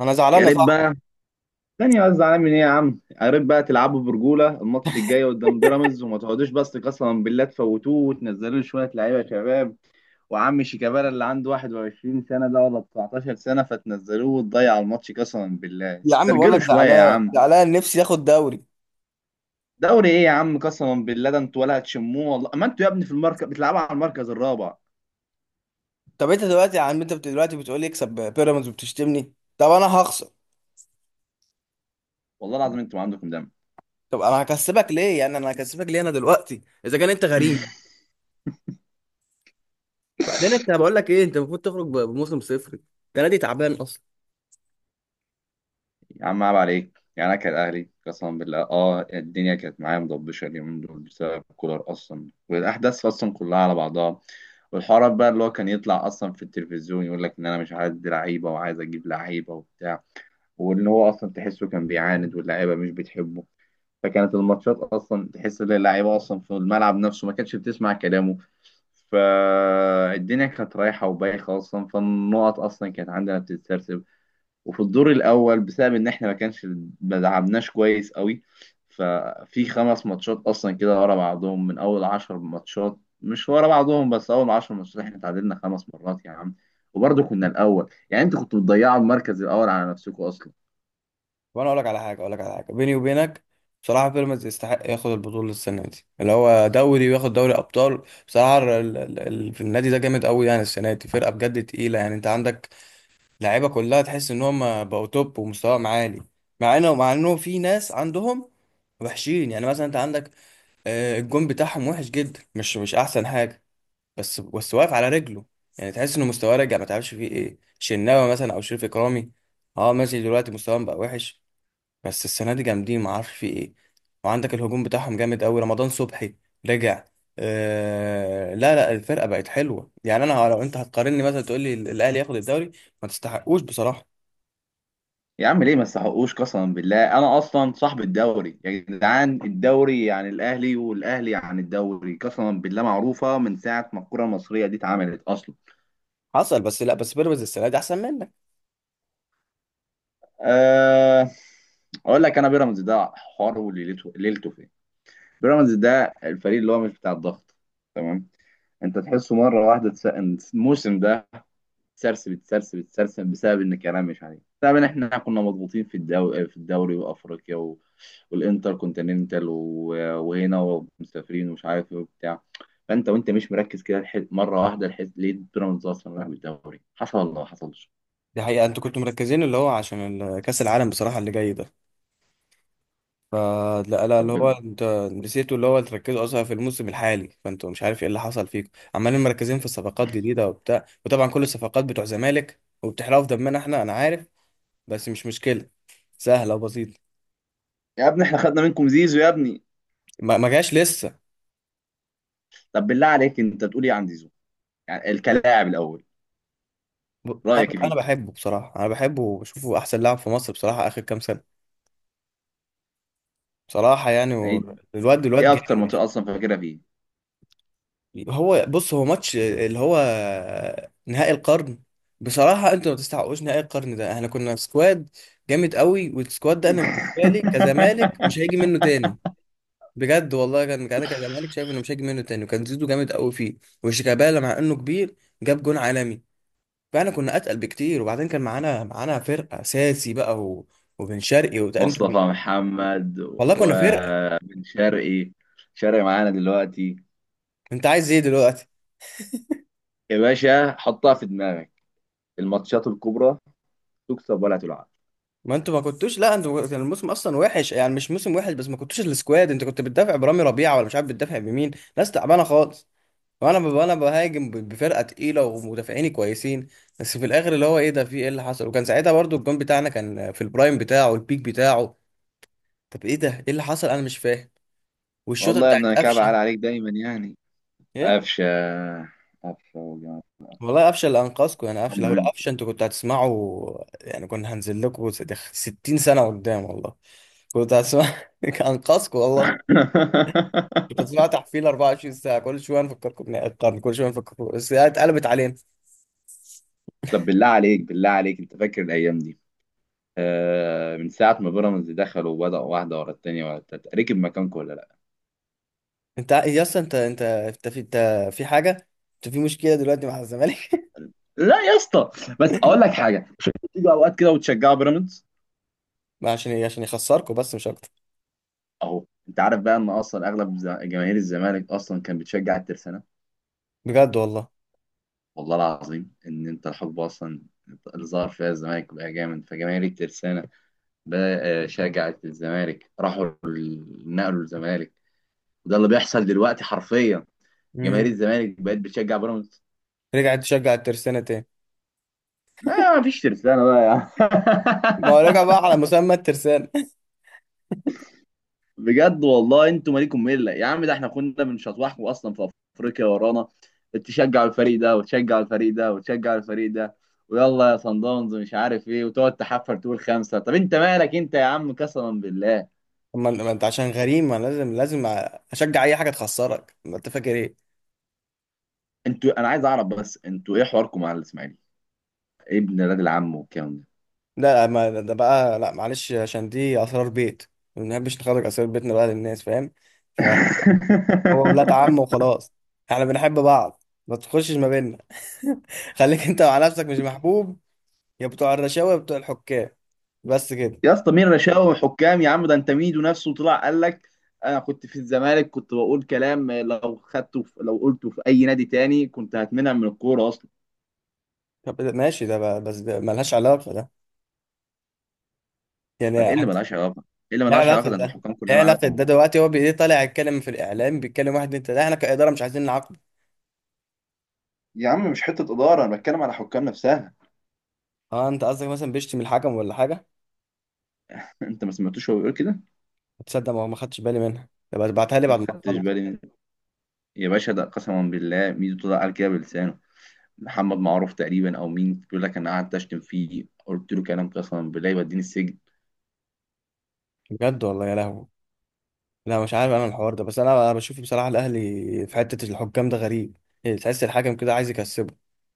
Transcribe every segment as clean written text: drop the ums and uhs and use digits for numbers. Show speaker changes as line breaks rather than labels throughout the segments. انا زعلان
يا
يا
ريت
صاحبي.
بقى ثانية بس. زعلان من ايه يا عم؟ يا ريت بقى تلعبوا برجولة الماتش الجاي قدام بيراميدز وما تقعدوش، بس قسما بالله تفوتوه وتنزلوا لي شوية لعيبة يا شباب. وعم شيكابالا اللي عنده 21 سنة ده ولا 19 سنة، فتنزلوه وتضيعوا الماتش. قسما بالله
يا عم بقول
استرجلوا
لك
شوية يا
زعلان
عم.
زعلان، نفسي ياخد دوري.
دوري ايه يا عم؟ قسما بالله ده انتوا ولا هتشموه. والله ما انتوا يا ابني في المركز، بتلعبوا على المركز الرابع.
طب انت دلوقتي يا عم، دلوقتي بتقول لي اكسب بيراميدز وبتشتمني. طب انا هخسر.
والله العظيم انتوا ما عندكم دم.
طب انا هكسبك ليه؟ يعني انا هكسبك ليه؟ انا دلوقتي اذا كان انت غريم. بعدين انت بقول لك ايه، انت المفروض تخرج بموسم صفر. ده نادي تعبان اصلا.
يا عم عيب عليك. يعني انا كان اهلي قسما بالله الدنيا كانت معايا مضبشه اليومين دول بسبب كولر اصلا، والاحداث اصلا كلها على بعضها. والحوارات بقى اللي هو كان يطلع اصلا في التلفزيون يقول لك ان انا مش عايز لعيبه وعايز اجيب لعيبه وبتاع. وان هو اصلا تحسه كان بيعاند واللعيبه مش بتحبه. فكانت الماتشات اصلا تحس ان اللعيبه اصلا في الملعب نفسه ما كانتش بتسمع كلامه. فالدنيا كانت رايحه وبايخه اصلا، فالنقط اصلا كانت عندنا بتتسرسب. وفي الدور الاول بسبب ان احنا ما كانش، ما دعمناش كويس قوي. ففي خمس ماتشات اصلا كده ورا بعضهم من اول عشر ماتشات، مش ورا بعضهم بس اول عشر ماتشات، احنا تعادلنا خمس مرات يا عم. وبرضه كنا الاول. يعني انتوا كنتوا بتضيعوا المركز الاول على نفسكم اصلا.
وانا اقول لك على حاجه، اقول لك على حاجه بيني وبينك. بصراحه بيراميدز يستحق ياخد البطوله السنه دي، اللي هو دوري وياخد دوري ابطال. بصراحه في النادي ده جامد قوي، يعني السنه دي فرقه بجد تقيله. يعني انت عندك اللعيبه كلها، تحس ان هم بقوا توب ومستواهم عالي. مع انه في ناس عندهم وحشين، يعني مثلا انت عندك الجون بتاعهم وحش جدا، مش احسن حاجه. بس واقف على رجله، يعني تحس انه مستواه رجع. ما تعرفش فيه ايه؟ شناوي مثلا او شريف اكرامي. اه ماشي، دلوقتي مستواهم بقى وحش، بس السنه دي جامدين، ما اعرفش فيه ايه. وعندك الهجوم بتاعهم جامد قوي، رمضان صبحي رجع. آه لا لا، الفرقه بقت حلوه. يعني انا لو انت هتقارني مثلا، تقول لي الاهلي ياخد الدوري، ما تستحقوش بصراحه.
يا عم ليه ما تستحقوش؟ قسما بالله انا اصلا صاحب الدوري يا جدعان. الدوري يعني الاهلي، والاهلي عن الدوري قسما بالله معروفه من ساعه ما الكره المصريه دي اتعملت اصلا.
حصل، بس لا، بس بيراميدز السنه دي احسن منك.
أه... اقول لك انا، بيراميدز ده حواره وليلته، ليلته فين. بيراميدز ده الفريق اللي هو مش بتاع الضغط، تمام؟ انت تحسه مره واحده إن الموسم ده تسرسب بسبب ان كلام مش عليه، بسبب ان احنا كنا مضغوطين في الدوري وافريقيا والانتر كونتيننتال وهنا ومسافرين ومش عارف ايه وبتاع. فانت وانت مش مركز كده، مره واحده ليه بيراميدز اصلا راح بالدوري؟ حصل ولا ما حصلش؟
دي حقيقه، انتوا كنتوا مركزين اللي هو عشان كاس العالم بصراحه اللي جاي ده. فلا لا لا، اللي
طب
هو انت نسيتوا، اللي هو تركزوا اصلا في الموسم الحالي. فانتوا مش عارف ايه اللي حصل فيكم، عمالين مركزين في صفقات جديده وبتاع، وطبعا كل الصفقات بتوع زمالك، وبتحرقوا في دمنا احنا، انا عارف. بس مش مشكله، سهله وبسيطه.
يا ابني احنا خدنا منكم زيزو يا ابني.
ما جاش لسه.
طب بالله عليك انت تقول ايه عن زيزو؟ يعني الكلاعب الاول،
ب- انا
رايك
انا
فيه؟
بحبه بصراحه، انا بحبه وبشوفه احسن لاعب في مصر بصراحه اخر كام سنه. بصراحه يعني
يعني
الواد
ايه
جامد
اكتر منطقه
يعني.
اصلا فاكرها فيه؟
هو بص، هو ماتش اللي هو نهائي القرن. بصراحة انتوا ما تستحقوش نهائي القرن ده، احنا كنا سكواد جامد قوي، والسكواد ده انا بالنسبة لي كزمالك مش هيجي منه تاني. بجد والله، كان انا كزمالك شايف انه مش هيجي منه تاني، وكان زيزو جامد قوي فيه، وشيكابالا مع انه كبير جاب جون عالمي. فاحنا كنا اتقل بكتير، وبعدين كان معانا فرقة اساسي بقى، وبن شرقي،
مصطفى محمد
والله كنا فرقة.
وبن شرقي. شرقي معانا دلوقتي.
انت عايز ايه دلوقتي؟
يا باشا حطها في دماغك، الماتشات الكبرى تكسب ولا تلعب.
ما انتوا ما كنتوش، لا انتوا كان الموسم اصلا وحش، يعني مش موسم وحش بس، ما كنتوش السكواد. انت كنت بتدافع برامي ربيعه ولا مش عارف بتدافع بمين، ناس تعبانه خالص. وانا انا بهاجم بفرقه تقيله، ومدافعيني كويسين. بس في الاخر اللي هو ايه ده، في ايه اللي حصل؟ وكان ساعتها برضو الجون بتاعنا كان في البرايم بتاعه، البيك بتاعه. طب ايه ده، ايه اللي حصل؟ انا مش فاهم. والشوطه
والله يا
بتاعت
ابني انا كعب عال
قفشه.
عليك دايما يعني.
ايه؟
قفشه. قفشه وجماعه قفشه.
والله قفشه اللي انقذكم، يعني قفشه،
طمنا
لو
منك.
قفشه انتوا كنتوا هتسمعوا، يعني كنا هنزل لكم 60 سنه قدام والله، كنت هتسمع. انقذكم والله. كنت اسمعها تحفيل 24 ساعه، كل شويه نفكركم القرن، كل شويه نفكركم الساعه اتقلبت علينا.
طب بالله عليك، بالله عليك، انت فاكر الايام دي؟ من ساعة ما بيراميدز دخلوا وبدأوا واحدة ورا التانية ورا التالتة، ركب مكانكم ولا لا؟
انت يا اسطى، انت في انت، في حاجه، انت في مشكله دلوقتي مع الزمالك.
لا يا اسطى، بس أقول لك حاجة، مش أنتوا بتيجوا أوقات كده وتشجعوا بيراميدز؟
ما عشان يخسركم، بس مش اكتر.
أهو أنت عارف بقى إن أصلا أغلب جماهير الزمالك أصلا كان بتشجع الترسانة.
بجد والله.
والله العظيم إن أنت الحقبة أصلا اللي ظهر فيها الزمالك بقى جامد، فجماهير الترسانة بقى شجعت الزمالك، راحوا نقلوا الزمالك. وده اللي بيحصل دلوقتي حرفيا، جماهير
امم.
الزمالك بقت بتشجع بيراميدز.
رجعت تشجع الترسانه تاني.
لا مفيش ترسانة بقى يا عم.
ما هو رجع بقى على مسمى الترسانه.
بجد والله انتوا مالكم مله يا عم. ده احنا كنا بنشطوحكم اصلا في افريقيا ورانا. تشجعوا الفريق ده وتشجعوا الفريق ده وتشجعوا الفريق ده، ويلا يا صن داونز مش عارف ايه، وتقعد تحفر تقول خمسه. طب انت مالك انت يا عم قسما بالله؟
طب ما انت عشان غريم، ما لازم لازم اشجع اي حاجه تخسرك. ما انت فاكر ايه.
انتوا، انا عايز اعرف بس، انتوا ايه حواركم مع الاسماعيلي؟ ابن الراجل عمه والكلام ده.
لا، ما ده بقى، لا معلش، عشان دي اسرار بيت، ما بنحبش نخرج اسرار بيتنا بقى للناس فاهم. هو ولاد عم وخلاص، احنا بنحب بعض، ما تخشش ما بيننا. خليك انت مع نفسك، مش محبوب، يا بتوع الرشاوي، يا بتوع الحكام. بس كده.
يا اسطى مين رشاوي حكام يا عم؟ ده انت ميدو نفسه طلع قال لك، انا كنت في الزمالك كنت بقول كلام لو خدته، في لو قلته في اي نادي تاني كنت هتمنع من الكوره اصلا.
بس ده ملهاش علاقة ده، يعني.
ايه اللي ملهاش علاقه؟ ايه اللي
لا
ملهاش
علاقة
علاقه؟ ده انت
ده،
الحكام
ايه
كلها
علاقة ده
معاكوا.
دلوقتي؟ هو طالع يتكلم في الإعلام، بيتكلم واحد، انت ده احنا كإدارة مش عايزين نعاقبه.
يا عم مش حته اداره، انا بتكلم على حكام نفسها.
اه، انت قصدك مثلا بيشتم الحكم ولا حاجة؟
انت ما سمعتوش هو بيقول كده؟
تصدق ما خدتش بالي منها، يبقى ابعتها لي
ما
بعد ما
خدتش
اخلص.
بالي من. يا باشا ده قسما بالله ميدو طلع قال كده بلسانه. محمد معروف تقريبا او مين بيقول لك، انا قعدت اشتم فيه، قلت له كلام قسما بالله يوديني السجن.
بجد والله، يا لهوي. لا مش عارف انا الحوار ده، بس انا بشوف بصراحه الاهلي في حته الحكام ده غريب، يعني تحس الحكم كده عايز يكسبه.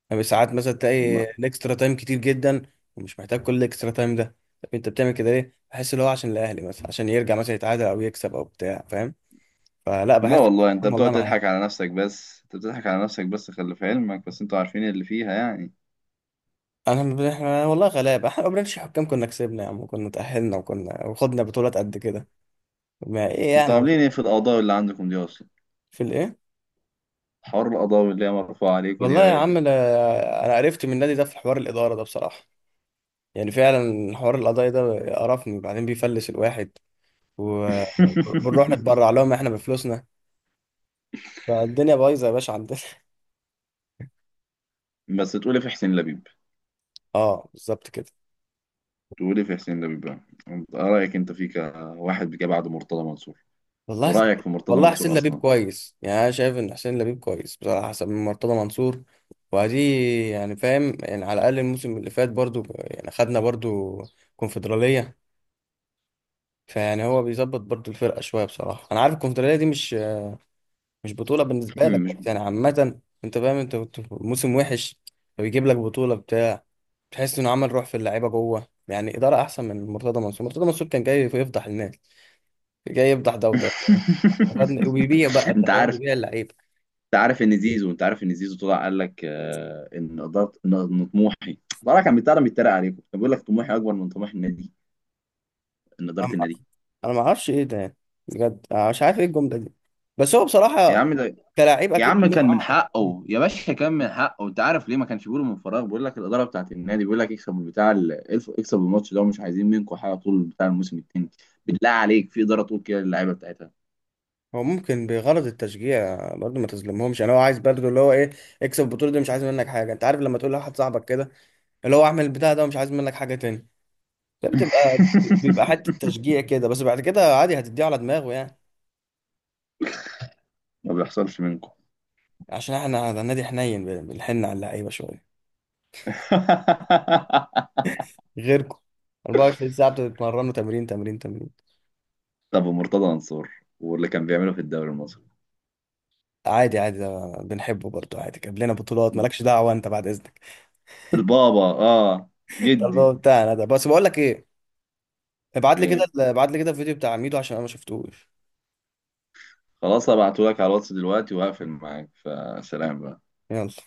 يعني ساعات مثلا تلاقي
والله.
الاكسترا تايم كتير جدا، ومش محتاج كل الاكسترا تايم ده. طب انت بتعمل كده ليه؟ بحس اللي هو عشان الاهلي، مثلا عشان يرجع مثلا يتعادل او يكسب او بتاع، فاهم؟ فلا،
لا
بحس
والله انت
الحكام
بتقعد
والله معانا.
تضحك على نفسك بس، انت بتضحك على نفسك بس، خلي في علمك بس، انتوا عارفين اللي فيها يعني.
احنا والله غلابه، احنا ما بنعملش حكام. كنا كسبنا يا عم وكنا تاهلنا وكنا وخدنا بطولات قد كده، ما ايه
انتوا
يعني؟
عاملين ايه في القضاوي اللي عندكم دي اصلا؟
في الايه؟
حوار القضاوي اللي هي مرفوعة عليكم دي يا
والله يا عم
باشا.
انا، أنا عرفت من النادي ده في حوار الاداره ده بصراحه. يعني فعلا حوار القضايا ده قرفني، بعدين بيفلس الواحد و- وبنروح نتبرع لهم احنا بفلوسنا. فالدنيا بايظه يا باشا عندنا.
بس تقولي في حسين لبيب.
اه بالظبط كده.
تقولي في حسين لبيب بقى. ايه رأيك انت فيك واحد جه بعد مرتضى منصور؟
والله حس...
ورأيك في مرتضى
والله
منصور
حسين لبيب
اصلا؟
كويس، يعني انا شايف ان حسين لبيب كويس بصراحه حسب من مرتضى منصور. وادي، يعني فاهم، يعني على الاقل الموسم اللي فات برضو يعني خدنا برضو كونفدراليه. فيعني هو بيظبط برضو الفرقه شويه. بصراحه انا عارف الكونفدراليه دي مش بطولة بالنسبة لك،
مش
بس يعني عامة انت فاهم، انت كنت في موسم وحش فبيجيب لك بطولة بتاع. تحس انه عمل روح في اللعيبة جوه، يعني إدارة أحسن من مرتضى منصور. مرتضى منصور كان جاي يفضح الناس، جاي يفضح ده وده، وبيبيع بقى انت
انت
فاهم،
عارف،
بيبيع اللعيبة.
انت عارف ان زيزو طلع قال لك ان اداره، إن طموحي. طلع كان بيتكلم بيتريق عليكم، كان بيقول لك طموحي اكبر من طموح النادي، ان اداره
أم-
النادي.
انا ما اعرفش ايه ده يعني، بجد انا مش عارف ايه الجملة دي. بس هو
يا
بصراحة
عم ده،
كلاعب
يا
اكيد
عم كان
طموحه
من
اعلى.
حقه يا باشا، كان من حقه. انت عارف ليه؟ ما كانش بيقولوا من فراغ. بيقول لك الاداره بتاعت النادي بيقول لك اكسب من بتاع اكسب الماتش ده ومش عايزين منكم حاجه طول بتاع الموسم التاني. بالله عليك في اداره طول كده اللعيبه بتاعتها؟
هو ممكن بغرض التشجيع برضه، ما تظلمهمش، يعني هو عايز برضه اللي هو ايه، اكسب البطولة دي، مش عايز منك حاجة. انت عارف لما تقول لواحد صاحبك كده، اللي هو اعمل البتاع ده ومش عايز منك حاجه تاني، ده بيبقى حته تشجيع كده، بس بعد كده عادي هتديه على دماغه يعني.
ما بيحصلش منكم.
عشان احنا ده نادي حنين، بنحن على اللعيبه شويه، غيركم. 24 ساعه بتتمرنوا تمرين تمرين تمرين.
طب مرتضى منصور واللي كان بيعمله في الدوري المصري؟
عادي عادي، ده بنحبه برضه، عادي جاب لنا بطولات. مالكش دعوه انت بعد اذنك.
البابا اه،
ده الموضوع
جدي.
بتاعنا ده، بس بقول لك ايه؟ ابعت لي كده
إيه.
ابعت لي كده الفيديو بتاع ميدو عشان انا ما شفتوش.
خلاص هبعته لك على الواتس دلوقتي وهقفل معاك، فسلام بقى.
يلا.